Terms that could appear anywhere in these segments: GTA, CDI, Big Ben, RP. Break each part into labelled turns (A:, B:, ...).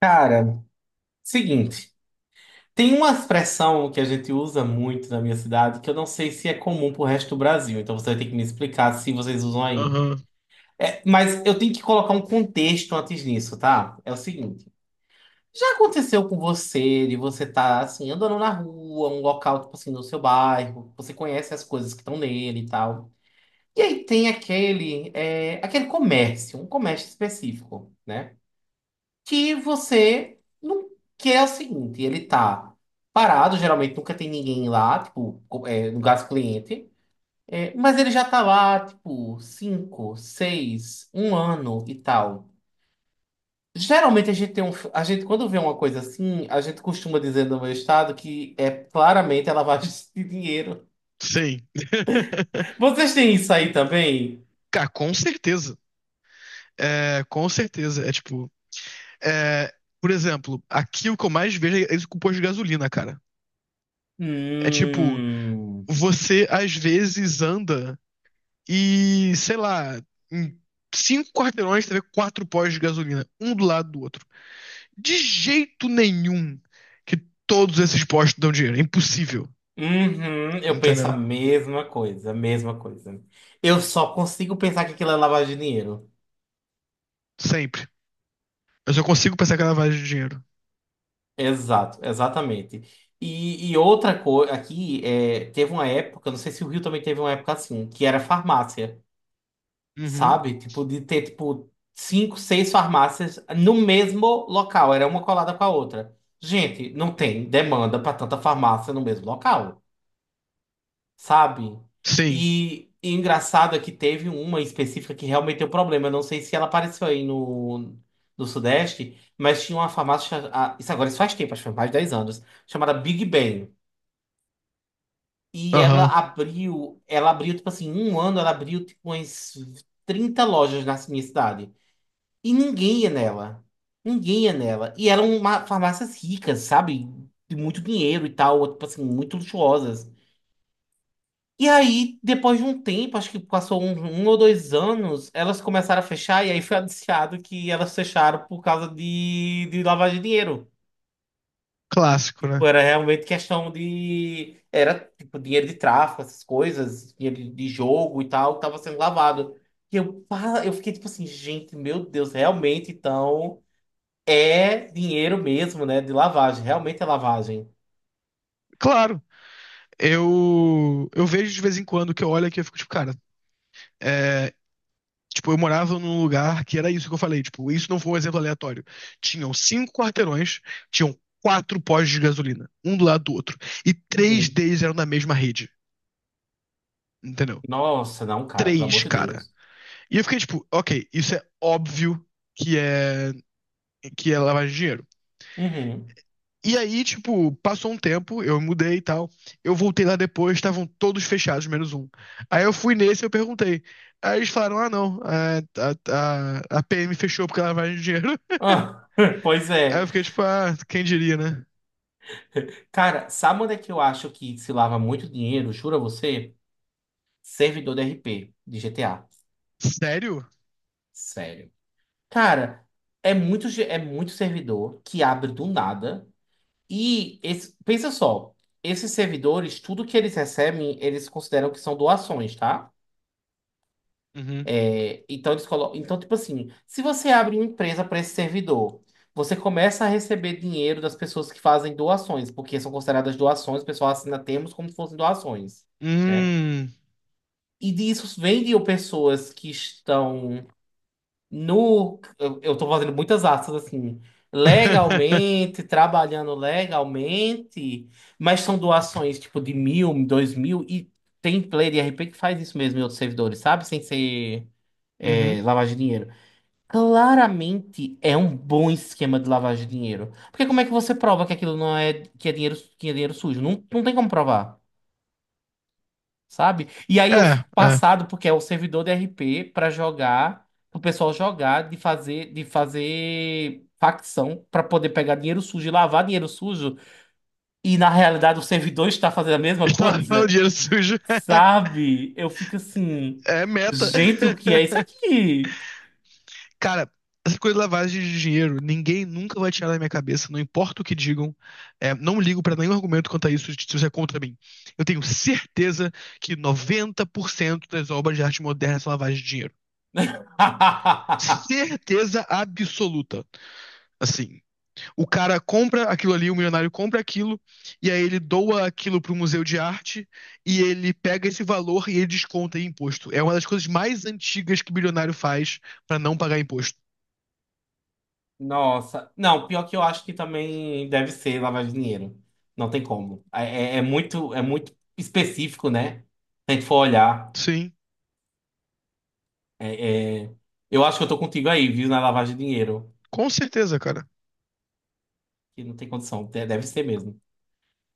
A: Cara, seguinte, tem uma expressão que a gente usa muito na minha cidade que eu não sei se é comum pro resto do Brasil, então você vai ter que me explicar se vocês usam aí.
B: Aham,
A: É, mas eu tenho que colocar um contexto antes nisso, tá? É o seguinte, já aconteceu com você de você tá assim andando na rua, um local tipo assim no seu bairro, você conhece as coisas que estão nele e tal. E aí tem aquele aquele comércio, um comércio específico, né? Que você não quer é o seguinte, ele tá parado, geralmente nunca tem ninguém lá, tipo, no caso cliente, mas ele já tá lá, tipo, cinco, seis, um ano e tal. Geralmente a gente quando vê uma coisa assim, a gente costuma dizer no meu estado que é claramente a lavagem de dinheiro.
B: sim.
A: Vocês têm isso aí também?
B: Cara, com certeza. É, com certeza. É, por exemplo, aqui o que eu mais vejo é isso com o posto de gasolina, cara. É tipo,
A: Hum.
B: você às vezes anda e, sei lá, em cinco quarteirões você vê quatro postos de gasolina, um do lado do outro. De jeito nenhum que todos esses postos dão dinheiro. É impossível.
A: Uhum, eu penso
B: Entendeu?
A: a mesma coisa, a mesma coisa. Eu só consigo pensar que aquilo é lavagem de dinheiro.
B: Sempre. Eu só consigo pensar que é lavagem de dinheiro.
A: Exato, exatamente. E outra coisa, aqui teve uma época, não sei se o Rio também teve uma época assim, que era farmácia,
B: Uhum.
A: sabe? Tipo, de ter, tipo, cinco, seis farmácias no mesmo local, era uma colada com a outra. Gente, não tem demanda para tanta farmácia no mesmo local. Sabe?
B: Sim.
A: E engraçado é que teve uma específica que realmente deu problema. Eu não sei se ela apareceu aí no Sudeste, mas tinha uma farmácia, ah, isso agora isso faz tempo, acho que faz mais de 10 anos, chamada Big Ben. E ela
B: Aham.
A: abriu, tipo assim, em um ano ela abriu tipo umas 30 lojas na minha cidade. E ninguém ia nela. Ninguém ia nela. E eram farmácias ricas, sabe? De muito dinheiro e tal, tipo assim, muito luxuosas. E aí, depois de um tempo, acho que passou um ou dois anos, elas começaram a fechar, e aí foi anunciado que elas fecharam por causa de lavagem de dinheiro.
B: Clássico, né?
A: Tipo, era realmente questão de. Era tipo dinheiro de tráfico, essas coisas, dinheiro de jogo e tal, que tava sendo lavado. E eu, pá, eu fiquei tipo assim, gente, meu Deus, realmente então é dinheiro mesmo, né? De lavagem, realmente é lavagem.
B: Claro. Eu vejo de vez em quando que eu olho aqui e fico tipo, cara, é, tipo, eu morava num lugar que era isso que eu falei, tipo, isso não foi um exemplo aleatório. Tinham cinco quarteirões, tinham quatro postos de gasolina, um do lado do outro, e três
A: Uhum.
B: deles eram da mesma rede, entendeu?
A: Nossa, não, cara, pelo amor
B: Três,
A: de
B: cara.
A: Deus.
B: E eu fiquei tipo, ok, isso é óbvio que é que é lavagem de dinheiro.
A: Uhum.
B: E aí, tipo, passou um tempo, eu mudei e tal. Eu voltei lá depois, estavam todos fechados, menos um. Aí eu fui nesse e eu perguntei. Aí eles falaram: ah, não, a PM fechou porque lavagem de dinheiro.
A: Ah, pois
B: Aí eu
A: é.
B: fiquei tipo: ah, quem diria, né?
A: Cara, sabe onde é que eu acho que se lava muito dinheiro? Juro a você? Servidor de RP de GTA.
B: Sério?
A: Sério. Cara, é muito servidor que abre do nada. Pensa só, esses servidores, tudo que eles recebem, eles consideram que são doações, tá?
B: Uhum.
A: É, então, eles colocam, então, tipo assim, se você abre uma empresa para esse servidor, você começa a receber dinheiro das pessoas que fazem doações, porque são consideradas doações, o pessoal assina termos como se fossem doações. Né?
B: Hum.
A: E disso vendiam pessoas que estão no. Eu tô fazendo muitas aspas assim. Legalmente, trabalhando legalmente, mas são doações tipo de mil, dois mil, e tem player de RP que faz isso mesmo em outros servidores, sabe? Sem ser
B: Uhum.
A: lavagem de dinheiro. Claramente é um bom esquema de lavagem de dinheiro. Porque como é que você prova que aquilo não é, que é dinheiro sujo? Não, não tem como provar, sabe? E aí eu
B: É,
A: fico
B: é.
A: passado porque é o servidor de RP para jogar, pro pessoal jogar, de fazer facção para poder pegar dinheiro sujo e lavar dinheiro sujo, e na realidade o servidor está fazendo a mesma
B: Estava lavando
A: coisa,
B: dinheiro sujo.
A: sabe? Eu fico assim,
B: É meta.
A: gente, o que é isso aqui?
B: Cara, essa coisa de lavagem de dinheiro, ninguém nunca vai tirar da minha cabeça, não importa o que digam. É, não ligo pra nenhum argumento quanto a isso, se isso é contra mim. Eu tenho certeza que 90% das obras de arte moderna são lavagem de dinheiro. Certeza absoluta. Assim, o cara compra aquilo ali, o milionário compra aquilo, e aí ele doa aquilo pro museu de arte, e ele pega esse valor e ele desconta em imposto. É uma das coisas mais antigas que o bilionário faz pra não pagar imposto.
A: Nossa, não, pior que eu acho que também deve ser lavar dinheiro. Não tem como. É muito específico, né? Se a gente for olhar.
B: Sim,
A: É, é, eu acho que eu tô contigo aí, viu, na lavagem de dinheiro.
B: com certeza, cara.
A: Que não tem condição, deve ser mesmo.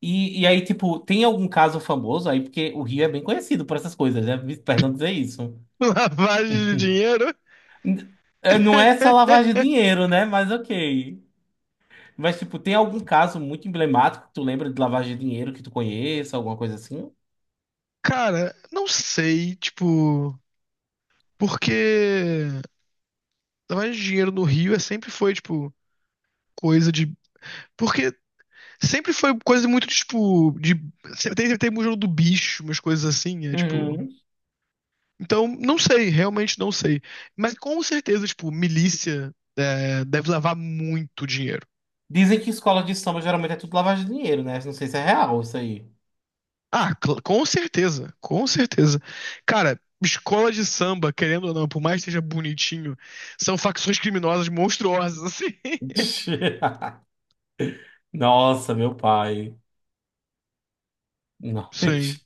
A: E, aí, tipo, tem algum caso famoso aí? Porque o Rio é bem conhecido por essas coisas, né? Perdão dizer isso.
B: Lavagem de dinheiro?
A: N- Não é só lavagem de dinheiro, né? Mas ok. Mas, tipo, tem algum caso muito emblemático que tu lembra de lavagem de dinheiro que tu conheça, alguma coisa assim?
B: Cara, não sei, tipo, porque lavagem de dinheiro no Rio é sempre foi, tipo, coisa de. Porque sempre foi coisa muito, tipo, de. Sempre tem, tem museu do bicho, umas coisas assim, é tipo.
A: Uhum.
B: Então, não sei, realmente não sei. Mas com certeza, tipo, milícia, deve lavar muito dinheiro.
A: Dizem que escola de samba geralmente é tudo lavagem de dinheiro, né? Não sei se é real isso aí.
B: Ah, cl- com certeza, com certeza. Cara, escola de samba, querendo ou não, por mais que seja bonitinho, são facções criminosas monstruosas, assim.
A: Nossa, meu pai. Não.
B: Sim.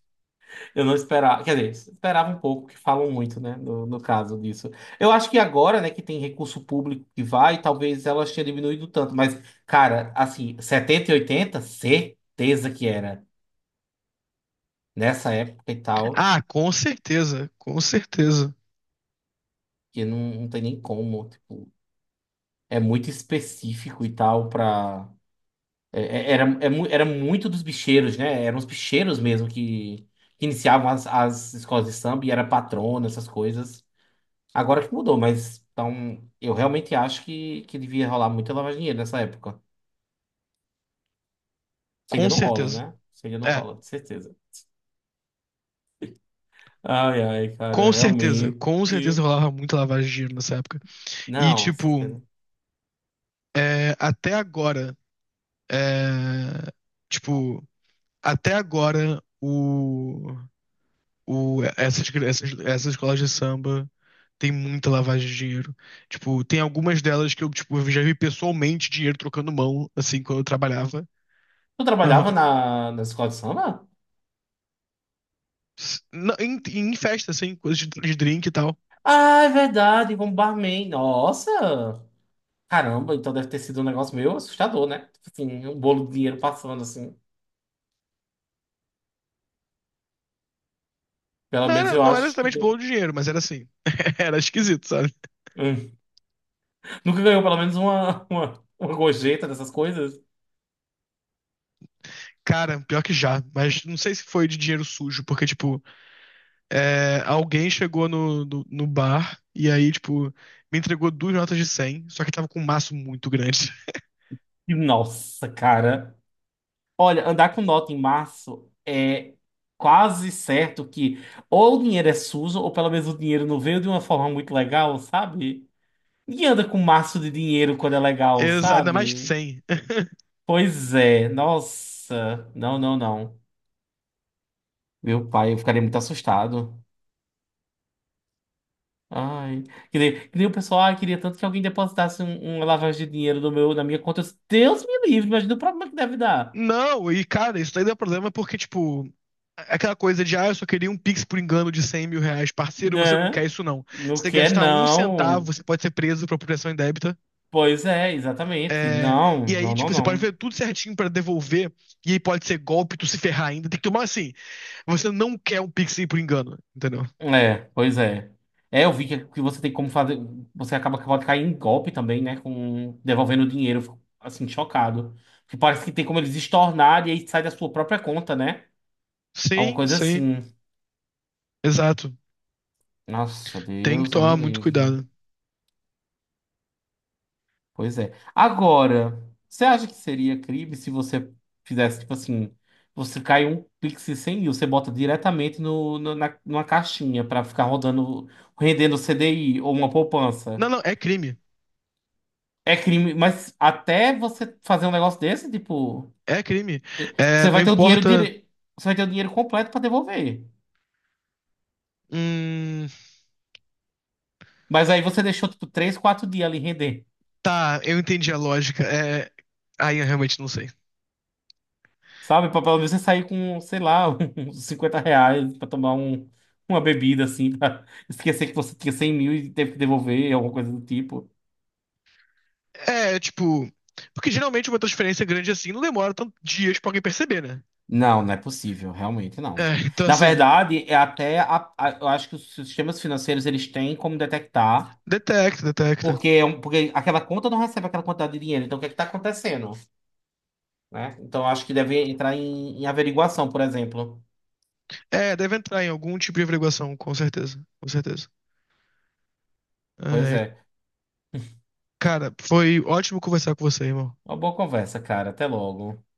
A: Eu não esperava, quer dizer, esperava um pouco, que falam muito, né, no caso disso. Eu acho que agora, né, que tem recurso público que vai, talvez elas tenham diminuído tanto, mas, cara, assim, 70 e 80, certeza que era. Nessa época e tal,
B: Ah, com certeza, com certeza,
A: que não tem nem como, tipo, é muito específico e tal pra... era muito dos bicheiros, né, eram os bicheiros mesmo que iniciavam as escolas de samba e era patrona, essas coisas. Agora que mudou, mas então eu realmente acho que devia rolar muita lavagem de dinheiro nessa época. Se
B: com
A: ainda não rola,
B: certeza.
A: né? Se ainda não
B: É,
A: rola, de certeza. Ai, ai, cara, realmente.
B: com certeza rolava muita lavagem de dinheiro nessa época. E,
A: Não,
B: tipo,
A: certeza.
B: até agora, é, tipo, até agora, essas, essas, essas escolas de samba. Tem muita lavagem de dinheiro. Tipo, tem algumas delas que eu, tipo, eu já vi pessoalmente dinheiro trocando mão, assim, quando eu trabalhava.
A: Tu trabalhava
B: Aham.
A: na escola de samba?
B: S- na- Em, em festa, assim, coisas de drink e tal.
A: Ah, é verdade, como barman. Nossa! Caramba, então deve ter sido um negócio meio assustador, né? Tipo assim, um bolo de dinheiro passando assim. Pelo
B: Não
A: menos
B: era,
A: eu
B: não era
A: acho que
B: exatamente bolo
A: deu.
B: de dinheiro, mas era assim. Era esquisito, sabe?
A: Hum. Nunca ganhou pelo menos uma gorjeta dessas coisas?
B: Cara, pior que já, mas não sei se foi de dinheiro sujo, porque, tipo, alguém chegou no bar e aí, tipo, me entregou duas notas de 100 só que tava com um maço muito grande.
A: E, nossa, cara. Olha, andar com nota em março é quase certo que ou o dinheiro é sujo, ou pelo menos o dinheiro não veio de uma forma muito legal, sabe? Ninguém anda com maço de dinheiro quando é legal,
B: Exa- ainda mais de
A: sabe?
B: 100.
A: Pois é, nossa. Não, não, não. Meu pai, eu ficaria muito assustado. Ai. Que nem o pessoal, ah, queria tanto que alguém depositasse uma lavagem de dinheiro no meu, na minha conta. Eu disse, Deus me livre, imagina o problema que deve dar.
B: Não, e cara, isso daí dá problema porque, tipo, aquela coisa de, ah, eu só queria um Pix por engano de 100 mil reais. Parceiro, você não quer
A: Né?
B: isso, não. Se
A: Não
B: você
A: quer,
B: gastar um centavo,
A: não.
B: você pode ser preso por apropriação indébita.
A: Pois é, exatamente.
B: É,
A: Não,
B: e aí,
A: não, não,
B: tipo, você pode fazer
A: não.
B: tudo certinho pra devolver, e aí pode ser golpe, tu se ferrar ainda. Tem que tomar assim. Você não quer um Pix aí por engano, entendeu?
A: É, pois é. É, eu vi que você tem como fazer. Você acaba que pode cair em golpe também, né? Com devolvendo o dinheiro. Eu fico, assim, chocado. Porque parece que tem como eles estornarem e aí sai da sua própria conta, né? Alguma
B: Sim,
A: coisa
B: sim,
A: assim.
B: exato.
A: Nossa,
B: Tem que
A: Deus me
B: tomar muito
A: livre.
B: cuidado.
A: Pois é. Agora, você acha que seria crime se você fizesse, tipo assim, você cai um Pix de 100 mil, você bota diretamente numa caixinha pra ficar rodando, rendendo CDI ou uma
B: Não,
A: poupança?
B: não, é crime.
A: É crime, mas até você fazer um negócio desse, tipo,
B: É crime. É,
A: você
B: não
A: vai ter o dinheiro
B: importa.
A: dire... você vai ter o dinheiro completo pra devolver.
B: Hum...
A: Mas aí você deixou, tipo, 3 4 dias ali rendendo.
B: Tá, eu entendi a lógica. É... Aí eu realmente não sei.
A: Sabe, pra pelo menos você sair com, sei lá, uns R$ 50 pra tomar uma bebida, assim, pra esquecer que você tinha 100 mil e teve que devolver, alguma coisa do tipo.
B: É, tipo. Porque geralmente uma transferência grande assim não demora tantos dias pra alguém perceber, né?
A: Não, não é possível, realmente não.
B: É, então
A: Na
B: assim.
A: verdade, é até, eu acho que os sistemas financeiros, eles têm como detectar,
B: Detecta, detecta.
A: porque, porque aquela conta não recebe aquela quantidade de dinheiro, então o que é que tá acontecendo, né? Então, eu acho que deve entrar em averiguação, por exemplo.
B: É, deve entrar em algum tipo de averiguação, com certeza. Com certeza.
A: Pois
B: É,
A: é.
B: cara, foi ótimo conversar com você, irmão.
A: Uma boa conversa, cara. Até logo.